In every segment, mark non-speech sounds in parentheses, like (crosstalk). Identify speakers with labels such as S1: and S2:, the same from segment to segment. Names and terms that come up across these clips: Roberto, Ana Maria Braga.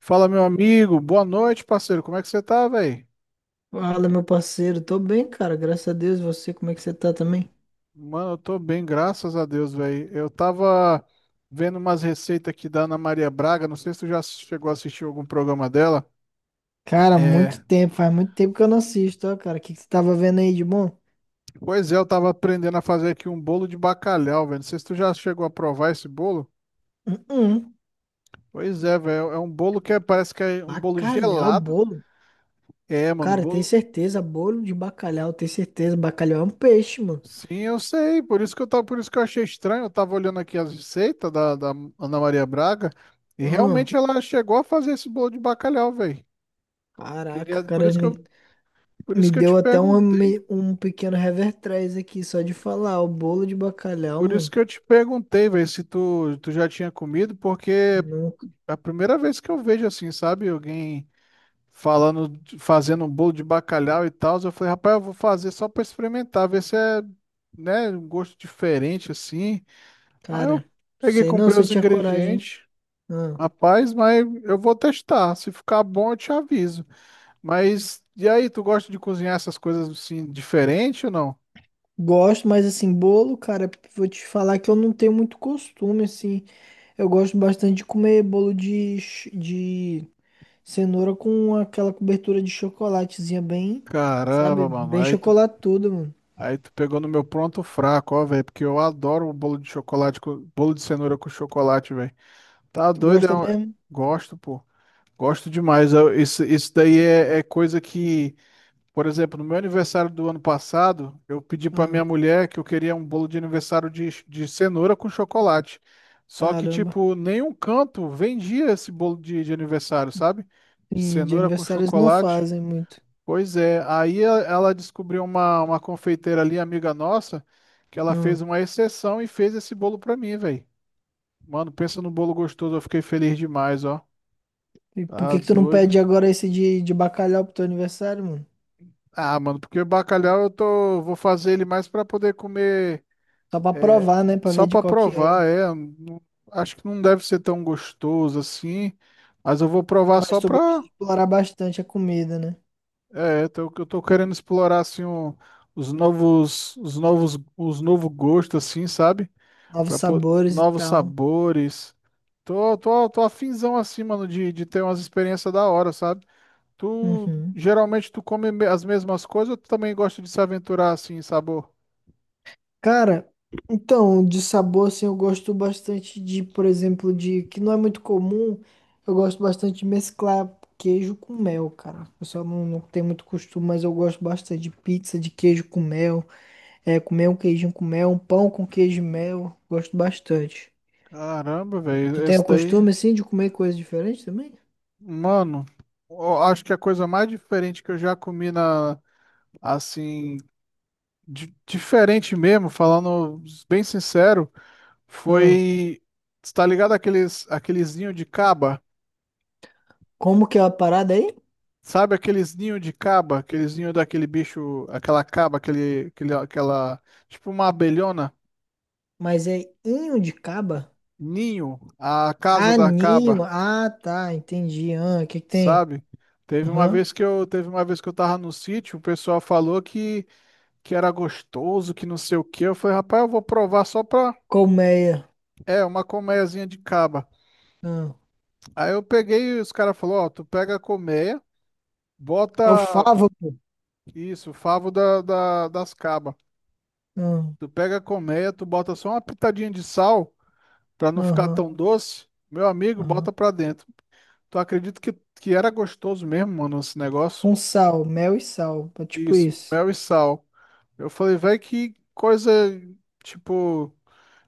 S1: Fala, meu amigo. Boa noite, parceiro. Como é que você tá, velho?
S2: Fala, meu parceiro. Tô bem, cara. Graças a Deus. E você, como é que você tá também?
S1: Mano, eu tô bem, graças a Deus, velho. Eu tava vendo umas receitas aqui da Ana Maria Braga. Não sei se tu já chegou a assistir algum programa dela.
S2: Cara, muito
S1: É,
S2: tempo, faz muito tempo que eu não assisto, ó, cara. O que que você tava vendo aí de bom?
S1: pois é, eu tava aprendendo a fazer aqui um bolo de bacalhau, velho. Não sei se tu já chegou a provar esse bolo.
S2: Hum.
S1: Pois é, velho. É um bolo parece que é um bolo
S2: Bacalhau,
S1: gelado.
S2: bolo.
S1: É, mano,
S2: Cara, tem
S1: bolo.
S2: certeza. Bolo de bacalhau, tem certeza. Bacalhau é um peixe, mano.
S1: Sim, eu sei, por isso que eu achei estranho, eu tava olhando aqui as receitas da Ana Maria Braga e
S2: Hum.
S1: realmente ela chegou a fazer esse bolo de bacalhau, velho.
S2: Caraca,
S1: Queria, por
S2: cara,
S1: isso que eu,
S2: me,
S1: por isso
S2: me
S1: que eu te
S2: deu até um,
S1: perguntei,
S2: me- um pequeno revertrés aqui, só de falar. O bolo de bacalhau,
S1: por isso
S2: mano.
S1: que eu te perguntei, velho, se tu já tinha comido, porque é
S2: Nunca.
S1: a primeira vez que eu vejo assim, sabe, alguém fazendo um bolo de bacalhau e tal, eu falei, rapaz, eu vou fazer só pra experimentar, ver se é, né, um gosto diferente assim. Aí
S2: Cara,
S1: eu peguei,
S2: sei não
S1: comprei
S2: se eu
S1: os
S2: tinha coragem, hein?
S1: ingredientes.
S2: Hum.
S1: Rapaz, mas eu vou testar. Se ficar bom, eu te aviso. Mas e aí, tu gosta de cozinhar essas coisas assim diferente ou não?
S2: Gosto, mas assim, bolo, cara, vou te falar que eu não tenho muito costume, assim. Eu gosto bastante de comer bolo de cenoura com aquela cobertura de chocolatezinha bem, sabe?
S1: Caramba, mano.
S2: Bem chocolatudo, mano.
S1: Aí tu pegou no meu pronto fraco, ó, velho, porque eu adoro o bolo de chocolate, bolo de cenoura com chocolate, velho. Tá
S2: Tu
S1: doido?
S2: gosta mesmo?
S1: Gosto, pô. Gosto demais. Isso daí é, coisa que Por exemplo, no meu aniversário do ano passado, eu pedi para minha
S2: Ah,
S1: mulher que eu queria um bolo de aniversário de cenoura com chocolate. Só que,
S2: caramba.
S1: tipo, nenhum canto vendia esse bolo de aniversário, sabe?
S2: Sim, de
S1: Cenoura com
S2: aniversário eles não
S1: chocolate.
S2: fazem muito.
S1: Pois é, ela descobriu uma confeiteira ali, amiga nossa, que ela
S2: Ah,
S1: fez uma exceção e fez esse bolo pra mim, velho. Mano, pensa no bolo gostoso, eu fiquei feliz demais, ó.
S2: e por
S1: Tá
S2: que que tu não
S1: doido.
S2: pede agora esse de bacalhau pro teu aniversário, mano?
S1: Ah, mano, porque o bacalhau vou fazer ele mais pra poder comer.
S2: Só pra
S1: É,
S2: provar, né? Pra
S1: só
S2: ver de
S1: para
S2: qual que é.
S1: provar, é. Acho que não deve ser tão gostoso assim, mas eu vou provar
S2: Mas
S1: só
S2: tu gosta
S1: para.
S2: de explorar bastante a comida, né?
S1: É, eu tô querendo explorar assim os novo gosto assim, sabe?
S2: Novos
S1: Para pôr
S2: sabores e
S1: novos
S2: tal.
S1: sabores. Tô afinzão assim, mano, de, ter umas experiências da hora, sabe? Tu
S2: Uhum.
S1: geralmente tu come as mesmas coisas ou tu também gosta de se aventurar assim, em sabor?
S2: Cara, então, de sabor, assim, eu gosto bastante de, por exemplo, de, que não é muito comum, eu gosto bastante de mesclar queijo com mel, cara. O pessoal não tem muito costume, mas eu gosto bastante de pizza de queijo com mel, é, comer um queijinho com mel, um pão com queijo e mel, gosto bastante.
S1: Caramba,
S2: Tu
S1: velho,
S2: tem
S1: esse
S2: o
S1: daí.
S2: costume, assim, de comer coisas diferentes também?
S1: Mano, eu acho que a coisa mais diferente que eu já comi assim, diferente mesmo, falando bem sincero,
S2: Ah,
S1: foi, tá ligado aqueles ninho de caba?
S2: como que é a parada aí?
S1: Sabe aqueles ninho de caba? Aqueles ninho daquele bicho, aquela caba, aquela, tipo uma abelhona,
S2: Mas é inho de caba?
S1: ninho, a casa
S2: Ah,
S1: da
S2: ninho,
S1: caba,
S2: ah, tá, entendi, ah, o que que tem?
S1: sabe? Teve uma
S2: Aham.
S1: vez que eu, teve uma vez que eu tava no sítio, o pessoal falou que era gostoso, que não sei o que. Eu falei, rapaz, eu vou provar só pra.
S2: Colmeia.
S1: É, uma colmeiazinha de caba.
S2: Ah,
S1: Aí eu peguei e os caras falaram: Ó, tu pega a colmeia, bota
S2: é o favo, pô.
S1: isso, o favo das cabas.
S2: Ah.
S1: Tu pega a colmeia, tu bota só uma pitadinha de sal pra não ficar
S2: Aham,
S1: tão doce. Meu amigo, bota
S2: aham.
S1: pra dentro. Tu acredita que era gostoso mesmo, mano, esse negócio?
S2: Com sal, mel e sal. É tipo
S1: Isso,
S2: isso.
S1: mel e sal. Eu falei, velho, que coisa, tipo,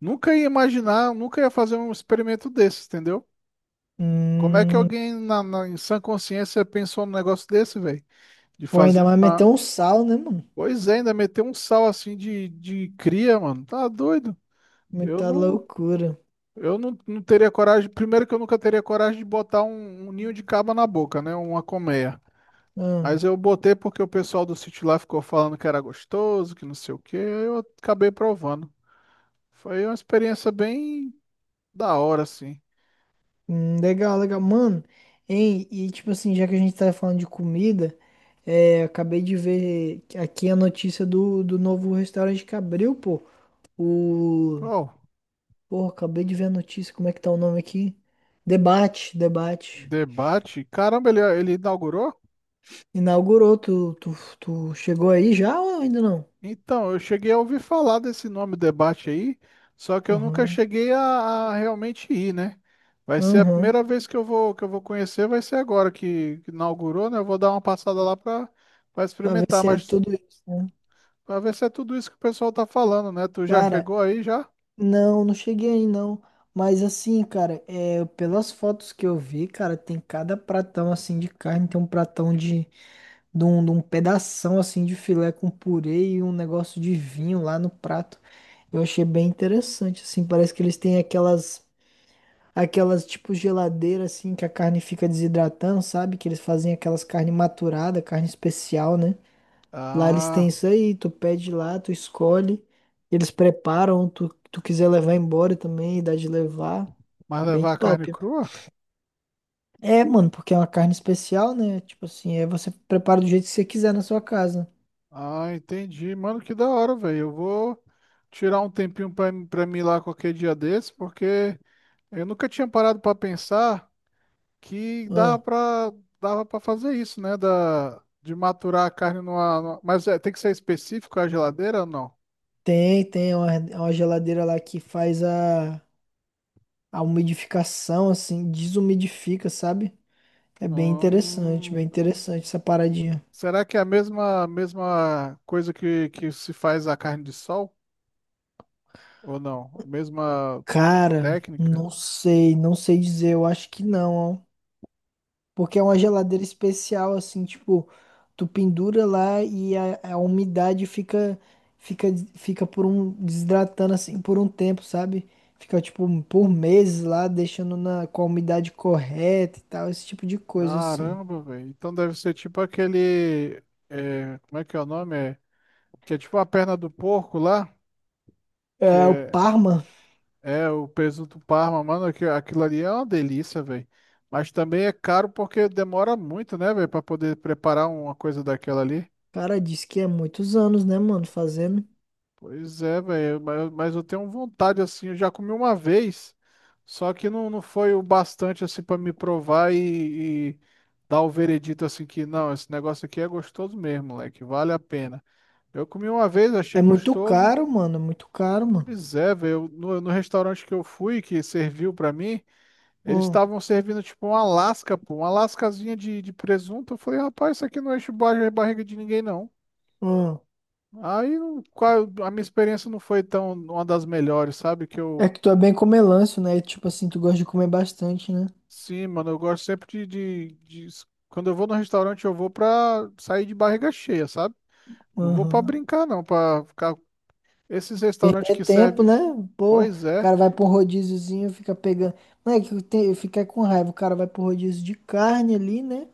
S1: nunca ia imaginar, nunca ia fazer um experimento desse, entendeu? Como é que
S2: Hum,
S1: alguém em sã consciência pensou num negócio desse, velho? De
S2: pô, ainda
S1: fazer
S2: mais meter
S1: uma.
S2: um sal, né, mano?
S1: Pois é, ainda meter um sal assim de cria, mano. Tá doido? Eu
S2: Muita
S1: não,
S2: loucura.
S1: eu não, não teria coragem. Primeiro que eu nunca teria coragem de botar um, um ninho de caba na boca, né? Uma colmeia. Mas
S2: Ah,
S1: eu botei porque o pessoal do sítio lá ficou falando que era gostoso, que não sei o quê. Aí eu acabei provando. Foi uma experiência bem da hora, assim.
S2: legal, legal. Mano, hein? E tipo assim, já que a gente tá falando de comida, é, acabei de ver aqui a notícia do novo restaurante que abriu, pô. O.
S1: Qual?
S2: Porra, acabei de ver a notícia. Como é que tá o nome aqui? Debate, debate.
S1: Debate? Caramba, ele inaugurou?
S2: Inaugurou, tu chegou aí já ou ainda não?
S1: Então, eu cheguei a ouvir falar desse nome debate aí, só que eu nunca
S2: Aham,
S1: cheguei a realmente ir, né? Vai ser a
S2: aham.
S1: primeira vez que eu vou conhecer, vai ser agora que inaugurou, né? Eu vou dar uma passada lá para
S2: Pra ver
S1: experimentar,
S2: se é
S1: mas
S2: tudo isso, né?
S1: para ver se é tudo isso que o pessoal tá falando, né? Tu já
S2: Cara,
S1: chegou aí já?
S2: não, não cheguei aí não. Mas assim, cara, é, pelas fotos que eu vi, cara, tem cada pratão assim de carne, tem um pratão de um pedação assim de filé com purê e um negócio de vinho lá no prato. Eu achei bem interessante, assim, parece que eles têm aquelas. Aquelas tipo geladeira assim que a carne fica desidratando, sabe? Que eles fazem aquelas carne maturada, carne especial, né? Lá eles têm
S1: Ah,
S2: isso aí, tu pede lá, tu escolhe, eles preparam, tu quiser levar embora também, dá de levar,
S1: mas
S2: bem
S1: levar a carne
S2: top.
S1: crua?
S2: É, mano, porque é uma carne especial, né? Tipo assim, é você prepara do jeito que você quiser na sua casa.
S1: Ah, entendi. Mano, que da hora, velho. Eu vou tirar um tempinho para mim ir lá qualquer dia desse, porque eu nunca tinha parado para pensar que dava
S2: Ah,
S1: para fazer isso, né? De maturar a carne Mas é, tem que ser específico a geladeira ou não?
S2: tem, tem uma geladeira lá que faz a umidificação, assim, desumidifica, sabe? É
S1: Hum,
S2: bem interessante essa paradinha.
S1: Será que é a mesma coisa que se faz a carne de sol? Ou não? Mesma
S2: Cara,
S1: técnica?
S2: não sei, não sei dizer, eu acho que não, ó. Porque é uma geladeira especial, assim, tipo, tu pendura lá e a umidade fica, fica por um, desidratando assim por um tempo, sabe? Fica, tipo, por meses lá, deixando na, com a umidade correta e tal, esse tipo de coisa, assim.
S1: Caramba, velho. Então deve ser tipo aquele. É, como é que é o nome? É, que é tipo a perna do porco lá. Que
S2: É, o
S1: é,
S2: Parma,
S1: É, o presunto Parma, mano, aquilo ali é uma delícia, velho. Mas também é caro porque demora muito, né, velho, pra poder preparar uma coisa daquela ali.
S2: cara, diz que é muitos anos, né, mano, fazendo.
S1: Pois é, velho, mas eu tenho vontade, assim, eu já comi uma vez, só que não, não foi o bastante, assim, pra me provar e dar o veredito, assim, que não, esse negócio aqui é gostoso mesmo, moleque, vale a pena. Eu comi uma vez, achei
S2: É muito
S1: gostoso.
S2: caro, mano, é muito caro,
S1: Pois é, velho, no restaurante que eu fui, que serviu pra mim. Eles
S2: mano.
S1: estavam servindo tipo uma lasca, pô, uma lascazinha de presunto. Eu falei, rapaz, isso aqui não enche barriga de ninguém, não.
S2: Hum.
S1: Aí não- qual- A minha experiência não foi tão uma das melhores, sabe?
S2: É que tu é bem comelâncio, né? E tipo assim, tu gosta de comer bastante, né?
S1: Sim, mano, eu gosto sempre de, quando eu vou no restaurante, eu vou pra sair de barriga cheia, sabe? Não vou pra
S2: Aham.
S1: brincar, não, pra ficar. Esses restaurantes
S2: Perder
S1: que
S2: tempo,
S1: servem,
S2: né? Pô, o
S1: pois é,
S2: cara vai pra um rodíziozinho, fica pegando. Moleque, eu fiquei com raiva. O cara vai pro rodízio de carne ali, né?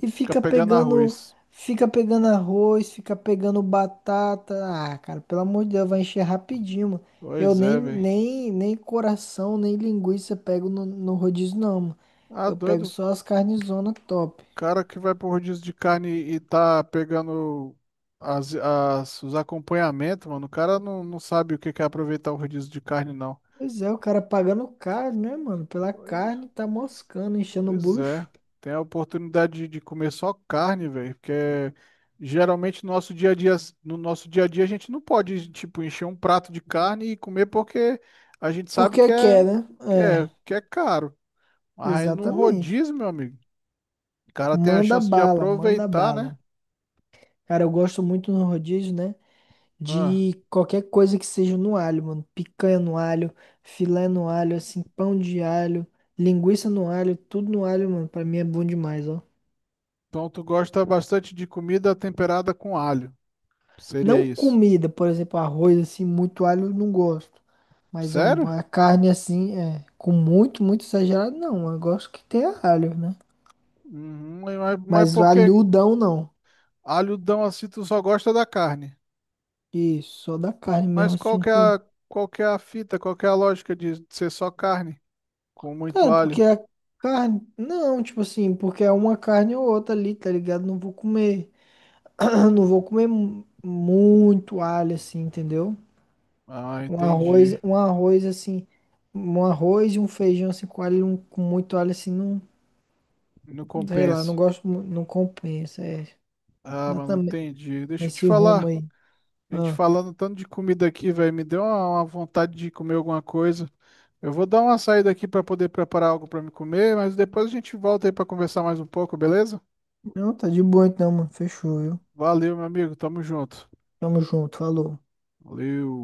S2: E
S1: fica
S2: fica
S1: pegando
S2: pegando.
S1: arroz.
S2: Fica pegando arroz, fica pegando batata. Ah, cara, pelo amor de Deus, vai encher rapidinho, mano. Eu
S1: Pois
S2: nem,
S1: é, velho.
S2: nem, nem coração, nem linguiça pego no rodízio, não, mano.
S1: Ah,
S2: Eu pego
S1: doido.
S2: só as carnes zona top.
S1: Cara que vai pro rodízio de carne e tá pegando as, os acompanhamentos, mano, o cara não, não sabe o que que é aproveitar o rodízio de carne, não.
S2: Pois é, o cara pagando caro, né, mano? Pela carne, tá moscando, enchendo o
S1: Pois
S2: bucho.
S1: é, tem a oportunidade de comer só carne, velho, porque geralmente no nosso dia a dia, no nosso dia a dia a gente não pode, tipo, encher um prato de carne e comer porque a gente sabe que
S2: Porque quer,
S1: é,
S2: né?
S1: que é, que é caro.
S2: É,
S1: Mas aí no
S2: exatamente.
S1: rodízio, meu amigo, o cara tem a
S2: Manda
S1: chance de
S2: bala, manda
S1: aproveitar, né?
S2: bala. Cara, eu gosto muito no rodízio, né?
S1: Ah.
S2: De qualquer coisa que seja no alho, mano. Picanha no alho, filé no alho, assim, pão de alho, linguiça no alho, tudo no alho, mano. Pra mim é bom demais, ó.
S1: Então tu gosta bastante de comida temperada com alho. Seria
S2: Não
S1: isso.
S2: comida, por exemplo, arroz assim, muito alho eu não gosto. Mas um,
S1: Sério?
S2: uma carne assim, é, com muito exagerado, não. Eu gosto que tenha alho, né?
S1: Uhum, mas
S2: Mas
S1: por que
S2: alhudão não.
S1: alhodão assim tu só gosta da carne?
S2: Isso, só da carne mesmo
S1: Mas
S2: assim com.
S1: qual que é a fita, qual que é a lógica de ser só carne com muito
S2: Cara, porque
S1: alho?
S2: a carne. Não, tipo assim, porque é uma carne ou outra ali, tá ligado? Não vou comer. (clears throat) Não vou comer muito alho assim, entendeu?
S1: Ah,
S2: Um arroz,
S1: entendi.
S2: um arroz assim. Um arroz e um feijão assim com alho, com muito alho assim, não.
S1: Não
S2: Sei lá, não
S1: compensa.
S2: gosto, não compensa, é.
S1: Ah,
S2: Dá
S1: mano, entendi. Deixa eu te
S2: nesse rumo
S1: falar.
S2: aí.
S1: A gente
S2: Ah,
S1: falando tanto de comida aqui, velho, me deu uma, vontade de comer alguma coisa. Eu vou dar uma saída aqui para poder preparar algo para me comer, mas depois a gente volta aí para conversar mais um pouco, beleza?
S2: não, tá de boa então, mano. Fechou, viu?
S1: Valeu, meu amigo. Tamo junto.
S2: Tamo junto, falou.
S1: Valeu.